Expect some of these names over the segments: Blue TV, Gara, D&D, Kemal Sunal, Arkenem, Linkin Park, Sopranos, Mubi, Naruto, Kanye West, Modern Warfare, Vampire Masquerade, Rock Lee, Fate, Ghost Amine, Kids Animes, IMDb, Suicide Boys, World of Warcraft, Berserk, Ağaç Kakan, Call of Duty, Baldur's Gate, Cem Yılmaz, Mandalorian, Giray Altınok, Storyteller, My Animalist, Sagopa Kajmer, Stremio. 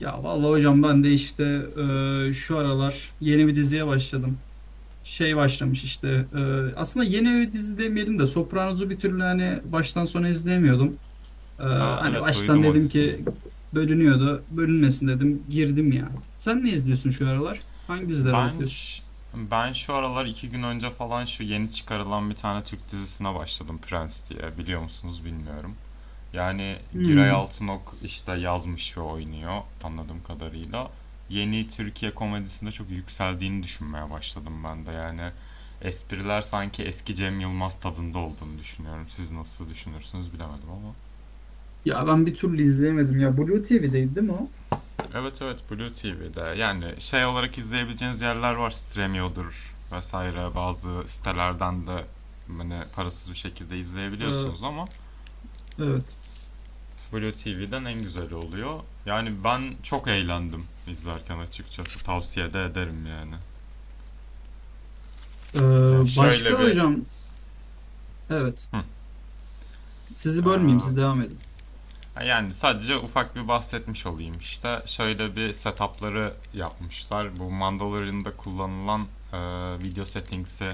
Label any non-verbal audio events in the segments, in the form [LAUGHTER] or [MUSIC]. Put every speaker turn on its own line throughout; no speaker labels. Ya vallahi hocam ben de işte şu aralar yeni bir diziye başladım. Şey başlamış işte e, aslında yeni bir dizi demeyelim de Sopranos'u bir türlü hani baştan sona izleyemiyordum. E,
Aa,
hani
evet,
baştan
duydum o
dedim
diziyi.
ki bölünüyordu bölünmesin dedim girdim ya. Sen ne izliyorsun şu aralar? Hangi dizilere
Ben
bakıyorsun?
ş- ben şu aralar 2 gün önce falan şu yeni çıkarılan bir tane Türk dizisine başladım, Prens diye. Biliyor musunuz bilmiyorum. Yani Giray
Hmm.
Altınok işte yazmış ve oynuyor anladığım kadarıyla. Yeni Türkiye komedisinde çok yükseldiğini düşünmeye başladım ben de. Yani espriler sanki eski Cem Yılmaz tadında olduğunu düşünüyorum. Siz nasıl düşünürsünüz bilemedim ama.
Ya ben bir türlü izleyemedim ya. Blue TV'deydi değil mi o?
Evet, evet, Blue TV'de, yani şey olarak izleyebileceğiniz yerler var, Stremio'dur vesaire, bazı sitelerden de hani parasız bir şekilde
E,
izleyebiliyorsunuz ama
evet.
Blue TV'den en güzeli oluyor. Yani ben çok eğlendim izlerken, açıkçası tavsiye de ederim yani.
E,
Yani
başka
şöyle bir.
hocam, evet,
Hı.
sizi bölmeyeyim, siz devam edin.
Yani sadece ufak bir bahsetmiş olayım işte. Şöyle bir setupları yapmışlar. Bu Mandalorian'da kullanılan e, video settings'i,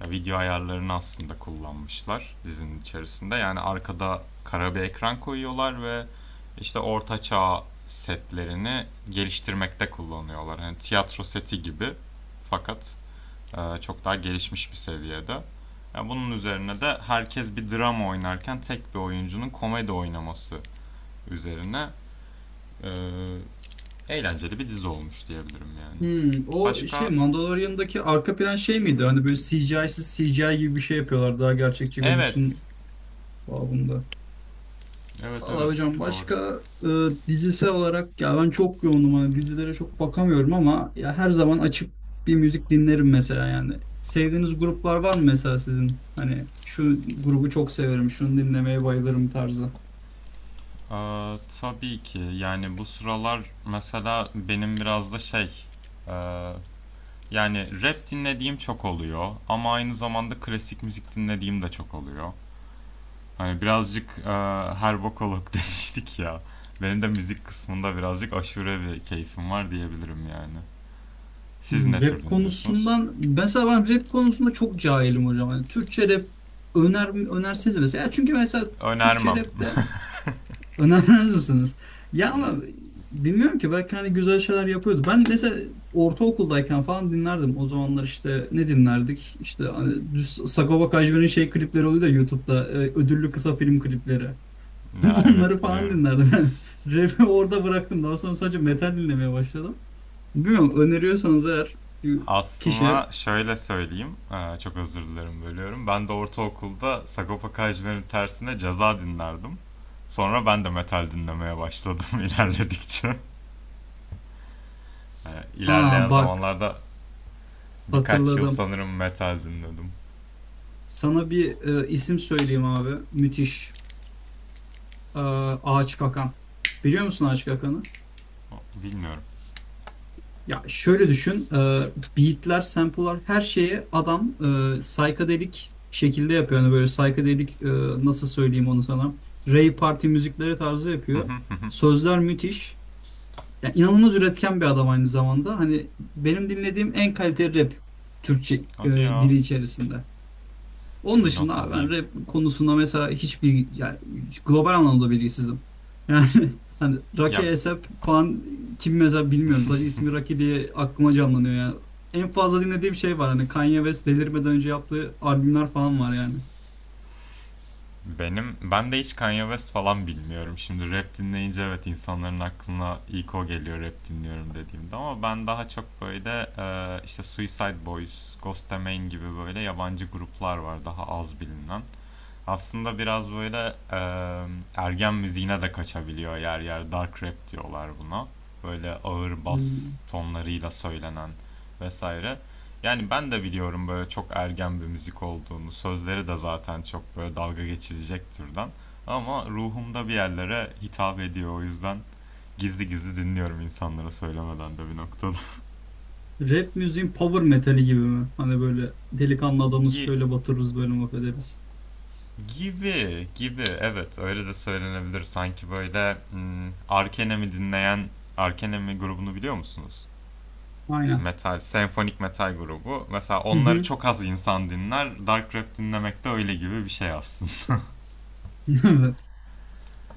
ya video ayarlarını aslında kullanmışlar dizinin içerisinde. Yani arkada kara bir ekran koyuyorlar ve işte orta çağ setlerini geliştirmekte kullanıyorlar. Hani tiyatro seti gibi, fakat çok daha gelişmiş bir seviyede. Ya bunun üzerine de herkes bir drama oynarken tek bir oyuncunun komedi oynaması üzerine e, eğlenceli bir dizi olmuş diyebilirim yani.
Hmm, o şey
Başka?
Mandalorian'daki arka plan şey miydi? Hani böyle CGI'siz CGI gibi bir şey yapıyorlar daha gerçekçi
Evet.
gözüksün babında.
Evet,
Valla
evet,
hocam
doğru.
başka dizisel olarak ya ben çok yoğunum hani dizilere çok bakamıyorum ama ya her zaman açıp bir müzik dinlerim mesela yani. Sevdiğiniz gruplar var mı mesela sizin? Hani şu grubu çok severim, şunu dinlemeye bayılırım tarzı.
Tabii ki, yani bu sıralar mesela benim biraz da şey e, yani rap dinlediğim çok oluyor ama aynı zamanda klasik müzik dinlediğim de çok oluyor. Hani birazcık her bokolog [LAUGHS] demiştik ya. Benim de müzik kısmında birazcık aşure bir keyfim var diyebilirim yani. Siz ne tür
Rap
dinliyorsunuz?
konusundan mesela ben rap konusunda çok cahilim hocam. Yani Türkçe rap öner önerseniz mesela. Ya çünkü mesela Türkçe
Önermem.
rapte önermez misiniz? Ya ama
[LAUGHS]
bilmiyorum ki belki hani güzel şeyler yapıyordu. Ben mesela ortaokuldayken falan dinlerdim. O zamanlar işte ne dinlerdik? İşte hani düz Sagopa Kajmer'in şey klipleri oluyor da YouTube'da ödüllü kısa film klipleri. [LAUGHS]
Ya, evet,
Onları falan
biliyorum.
dinlerdim ben. [LAUGHS] Rap'i orada bıraktım. Daha sonra sadece metal dinlemeye başladım. Bilmiyorum öneriyorsanız eğer bir kişi.
Aslında şöyle söyleyeyim, çok özür dilerim bölüyorum. Ben de ortaokulda Sagopa Kajmer'in tersine Ceza dinlerdim. Sonra ben de metal dinlemeye başladım [LAUGHS] ilerledikçe.
Ha
İlerleyen
bak
zamanlarda birkaç yıl
hatırladım.
sanırım metal dinledim.
Sana bir isim söyleyeyim abi. Müthiş. E, Ağaç Kakan. Biliyor musun Ağaç Kakan'ı?
Bilmiyorum.
Ya şöyle düşün. E, beatler, sample'lar her şeyi adam psychedelic şekilde yapıyor. Yani böyle psychedelic nasıl söyleyeyim onu sana. Rave party müzikleri tarzı yapıyor.
[LAUGHS]
Sözler müthiş. Yani inanılmaz üretken bir adam aynı zamanda. Hani benim dinlediğim en kaliteli rap Türkçe
Hadi ya.
dili içerisinde. Onun
Bir
dışında
not
abi ben
alayım.
rap konusunda mesela hiçbir yani global anlamda bilgisizim. Yani [LAUGHS] hani Raki
Ya,
Esep falan kim mesela bilmiyorum. Sadece ismi Raki diye aklıma canlanıyor yani. En fazla dinlediğim şey var hani Kanye West delirmeden önce yaptığı albümler falan var yani.
Ben de hiç Kanye West falan bilmiyorum. Şimdi rap dinleyince evet insanların aklına ilk o geliyor rap dinliyorum dediğimde, ama ben daha çok böyle işte Suicide Boys, Ghost Amine gibi böyle yabancı gruplar var daha az bilinen. Aslında biraz böyle ergen müziğine de kaçabiliyor yer yer. Dark rap diyorlar buna. Böyle ağır bas
Hmm.
tonlarıyla söylenen vesaire. Yani ben de biliyorum böyle çok ergen bir müzik olduğunu. Sözleri de zaten çok böyle dalga geçirecek türden. Ama ruhumda bir yerlere hitap ediyor. O yüzden gizli gizli dinliyorum, insanlara söylemeden de bir noktada.
Rap müziğin power metali gibi mi? Hani böyle delikanlı adamız
[LAUGHS] Gi-
şöyle batırırız böyle mahvederiz.
Gibi gibi, evet, öyle de söylenebilir. Sanki böyle Arkenem'i dinleyen Arkenemi grubunu biliyor musunuz?
Aynen.
Metal, senfonik metal grubu. Mesela
Hı
onları
hı.
çok az insan dinler. Dark rap dinlemek de öyle gibi bir şey aslında.
[LAUGHS] Evet.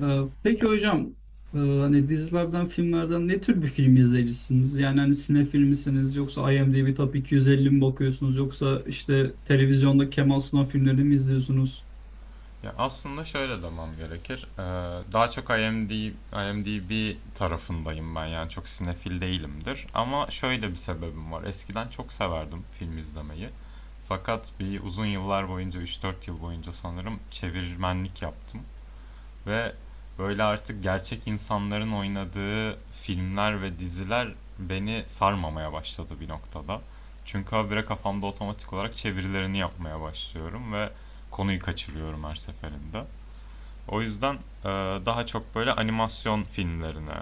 Peki
[LAUGHS]
hocam, hani dizilerden, filmlerden ne tür bir film izleyicisiniz? Yani hani sinefil misiniz yoksa IMDb Top 250 mi bakıyorsunuz yoksa işte televizyonda Kemal Sunal filmlerini mi izliyorsunuz?
Ya aslında şöyle demem gerekir. Daha çok IMDb tarafındayım ben, yani çok sinefil değilimdir. Ama şöyle bir sebebim var. Eskiden çok severdim film izlemeyi. Fakat bir uzun yıllar boyunca, 3-4 yıl boyunca sanırım, çevirmenlik yaptım. Ve böyle artık gerçek insanların oynadığı filmler ve diziler beni sarmamaya başladı bir noktada. Çünkü habire kafamda otomatik olarak çevirilerini yapmaya başlıyorum ve konuyu kaçırıyorum her seferinde. O yüzden e, daha çok böyle animasyon filmlerine,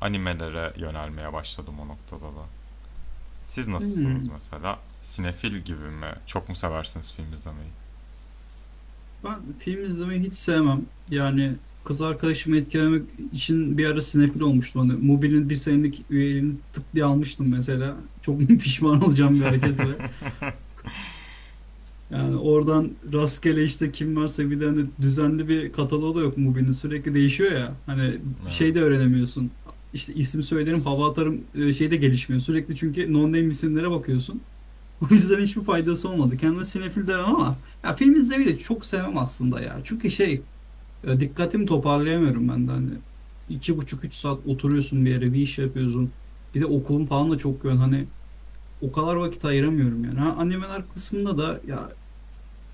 animelere yönelmeye başladım o noktada da. Siz nasılsınız
Hmm.
mesela? Sinefil gibi mi? Çok mu seversiniz film izlemeyi?
Ben film izlemeyi hiç sevmem. Yani kız arkadaşımı etkilemek için bir ara sinefil olmuştum. Hani Mubi'nin bir senelik üyeliğini tık diye almıştım mesela. Çok [LAUGHS] pişman olacağım bir hareketle. Yani oradan rastgele işte kim varsa bir de hani düzenli bir kataloğu da yok Mubi'nin sürekli değişiyor ya. Hani şey de
Evet.
öğrenemiyorsun. İşte isim söylerim, hava atarım şey de gelişmiyor. Sürekli çünkü non-name isimlere bakıyorsun. [LAUGHS] O yüzden hiçbir faydası olmadı. Kendime sinefil demem ama ya film izlemeyi de çok sevmem aslında ya. Çünkü şey dikkatimi toparlayamıyorum ben de hani. 2,5-3 saat oturuyorsun bir yere bir iş yapıyorsun. Bir de okulum falan da çok yoğun. Hani o kadar vakit ayıramıyorum yani. Ha, animeler kısmında da ya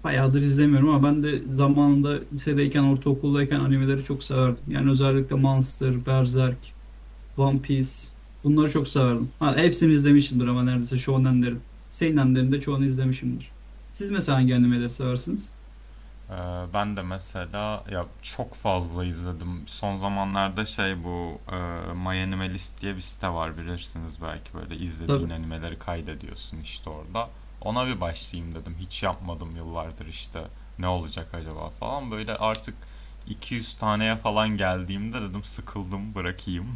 bayağıdır izlemiyorum ama ben de zamanında lisedeyken, ortaokuldayken animeleri çok severdim. Yani özellikle Monster, Berserk, One Piece bunları çok severdim. Ha, hepsini izlemişimdir ama neredeyse shonenlerin. Seinenlerin de çoğunu izlemişimdir. Siz mesela hangi animeleri seversiniz?
Ben de mesela ya çok fazla izledim. Son zamanlarda şey, bu My Animalist diye bir site var, bilirsiniz belki, böyle izlediğin
Tabii.
animeleri kaydediyorsun işte orada. Ona bir başlayayım dedim. Hiç yapmadım yıllardır işte. Ne olacak acaba falan. Böyle artık 200 taneye falan geldiğimde dedim sıkıldım bırakayım.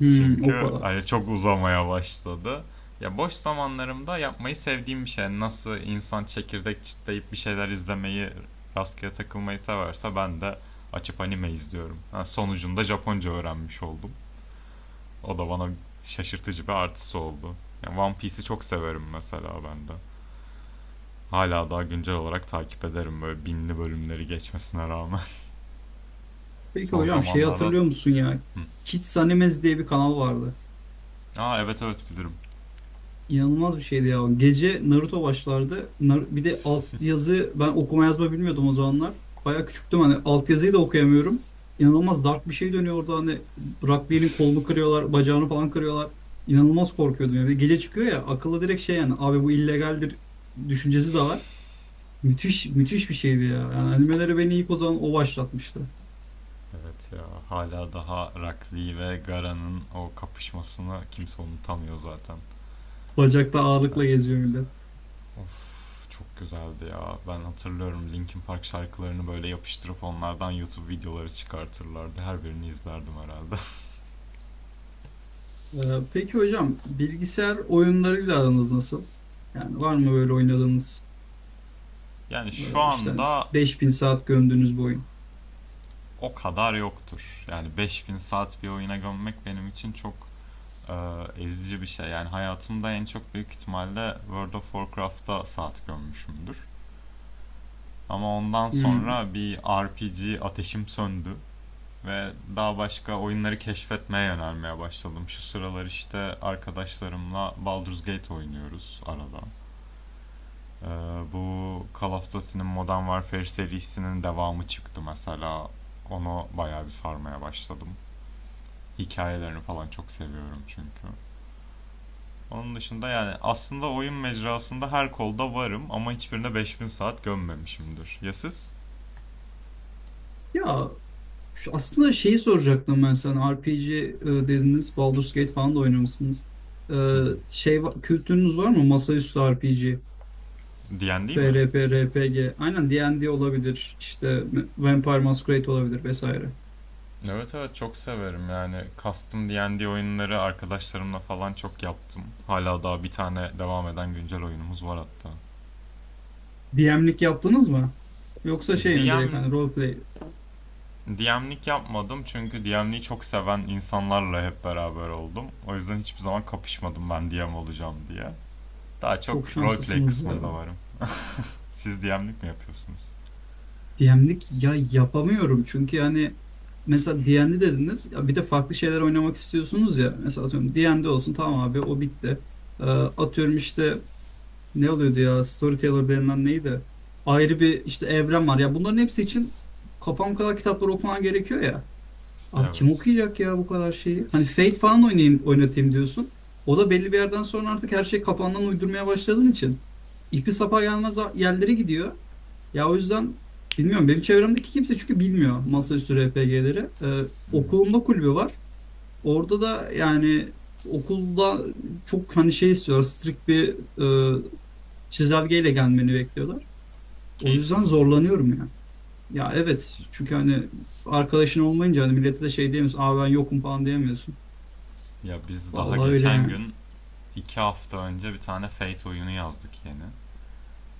Hmm, o
Çünkü
kadar.
hani çok uzamaya başladı. Ya boş zamanlarımda yapmayı sevdiğim bir şey. Yani nasıl insan çekirdek çitleyip bir şeyler izlemeyi, rastgele takılmayı severse, ben de açıp anime izliyorum. Ha, sonucunda Japonca öğrenmiş oldum. O da bana şaşırtıcı bir artısı oldu. Yani One Piece'i çok severim mesela ben de. Hala daha güncel olarak takip ederim böyle binli bölümleri geçmesine rağmen. [LAUGHS]
Peki
Son
hocam şey
zamanlarda.
hatırlıyor musun ya?
Hı.
Kids Animes diye bir kanal vardı.
Aa, evet, evet, bilirim.
İnanılmaz bir şeydi ya. Gece Naruto başlardı. Bir de altyazı, ben okuma yazma bilmiyordum o zamanlar. Bayağı küçüktüm hani altyazıyı da okuyamıyorum. İnanılmaz dark bir şey dönüyor orada hani Rock Lee'nin kolunu kırıyorlar, bacağını falan kırıyorlar. İnanılmaz korkuyordum. Yani bir de gece çıkıyor ya akıllı direkt şey yani abi bu illegaldir düşüncesi de var. Müthiş müthiş bir şeydi ya. Yani animeleri beni ilk o zaman o başlatmıştı.
Evet ya, hala daha Rakli ve Gara'nın o kapışmasını kimse unutamıyor zaten.
Bacakta
Ha,
ağırlıkla geziyor millet.
of, çok güzeldi ya. Ben hatırlıyorum Linkin Park şarkılarını böyle yapıştırıp onlardan YouTube videoları çıkartırlardı. Her birini izlerdim herhalde. [LAUGHS]
Peki hocam bilgisayar oyunlarıyla aranız nasıl? Yani var mı böyle oynadığınız
Yani şu
İşte
anda
5.000 saat gömdüğünüz bir oyun?
o kadar yoktur. Yani 5.000 saat bir oyuna gömmek benim için çok e, ezici bir şey. Yani hayatımda en çok büyük ihtimalle World of Warcraft'ta saat gömmüşümdür. Ama ondan
Hmm.
sonra bir RPG ateşim söndü. Ve daha başka oyunları keşfetmeye yönelmeye başladım. Şu sıralar işte arkadaşlarımla Baldur's Gate oynuyoruz arada. Ee, Bu Call of Duty'nin Modern Warfare serisinin devamı çıktı mesela. Onu bayağı bir sarmaya başladım. Hikayelerini falan çok seviyorum çünkü. Onun dışında yani aslında oyun mecrasında her kolda varım ama hiçbirine 5.000 saat gömmemişimdir. Ya siz?
Ya aslında şeyi soracaktım ben sana. RPG dediniz. Baldur's Gate falan da oynamışsınız. Ee, Şey, kültürünüz var mı? Masaüstü RPG,
[LAUGHS] Diyen değil mi?
FRP, RPG. Aynen D&D olabilir. İşte Vampire Masquerade olabilir vesaire.
Evet, evet, çok severim, yani custom D&D oyunları arkadaşlarımla falan çok yaptım. Hala daha bir tane devam eden güncel oyunumuz var hatta.
DM'lik yaptınız mı? Yoksa şey mi direkt
DM
hani roleplay?
DM'lik yapmadım çünkü DM'liği çok seven insanlarla hep beraber oldum. O yüzden hiçbir zaman kapışmadım, ben DM olacağım diye. Daha
Çok
çok roleplay
şanslısınız ya.
kısmında varım. Siz DM'lik mi yapıyorsunuz?
DM'lik ya yapamıyorum çünkü yani mesela D&D dediniz ya bir de farklı şeyler oynamak istiyorsunuz ya mesela atıyorum D&D olsun tamam abi o bitti. Atıyorum işte ne oluyordu ya, Storyteller denilen neydi? Ayrı bir işte evren var ya bunların hepsi için kafam kadar kitapları okuman gerekiyor ya. Abi kim
Evet.
okuyacak ya bu kadar şeyi? Hani Fate falan oynayayım, oynatayım diyorsun. O da belli bir yerden sonra artık her şey kafandan uydurmaya başladığın için ipi sapa gelmez yerlere gidiyor. Ya o yüzden bilmiyorum benim çevremdeki kimse çünkü bilmiyor masaüstü RPG'leri. Ee,
Hmm.
okulumda kulübü var. Orada da yani okulda çok hani şey istiyorlar strict bir e, çizelgeyle gelmeni bekliyorlar. O yüzden
Keyifsiz oluyordu.
zorlanıyorum ya. Ya evet çünkü hani arkadaşın olmayınca hani millete de şey diyemiyorsun. Aa ben yokum falan diyemiyorsun.
Ya biz daha
Vallahi öyle
geçen
yani.
gün, 2 hafta önce, bir tane Fate oyunu yazdık yeni.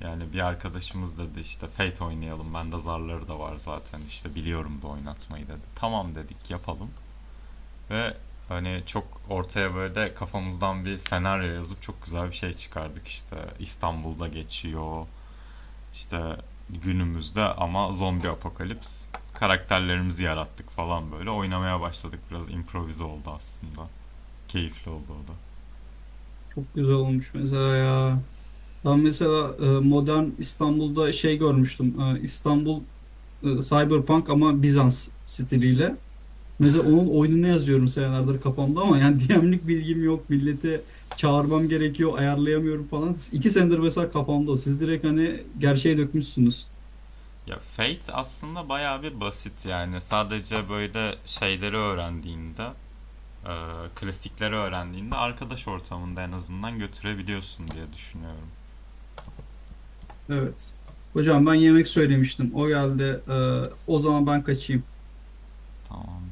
Yani bir arkadaşımız dedi işte Fate oynayalım. Bende zarları da var zaten, işte biliyorum da oynatmayı, dedi. Tamam, dedik, yapalım. Ve hani çok ortaya böyle de kafamızdan bir senaryo yazıp çok güzel bir şey çıkardık işte. İstanbul'da geçiyor, işte günümüzde, ama zombi apokalips. Karakterlerimizi yarattık falan böyle. Oynamaya başladık. Biraz improvize oldu aslında. Keyifli oldu o da.
Çok güzel olmuş mesela ya. Ben mesela modern İstanbul'da şey görmüştüm. İstanbul Cyberpunk ama Bizans stiliyle. Mesela onun oyununu yazıyorum senelerdir kafamda ama yani [LAUGHS] DM'lik bilgim yok. Milleti çağırmam gerekiyor, ayarlayamıyorum falan. 2 senedir mesela kafamda o. Siz direkt hani gerçeğe dökmüşsünüz.
Ya Fate aslında bayağı bir basit yani. Sadece böyle şeyleri öğrendiğinde, e, klasikleri öğrendiğinde arkadaş ortamında en azından götürebiliyorsun diye düşünüyorum.
Evet. Hocam ben yemek söylemiştim. O geldi. O zaman ben kaçayım.
Tamam.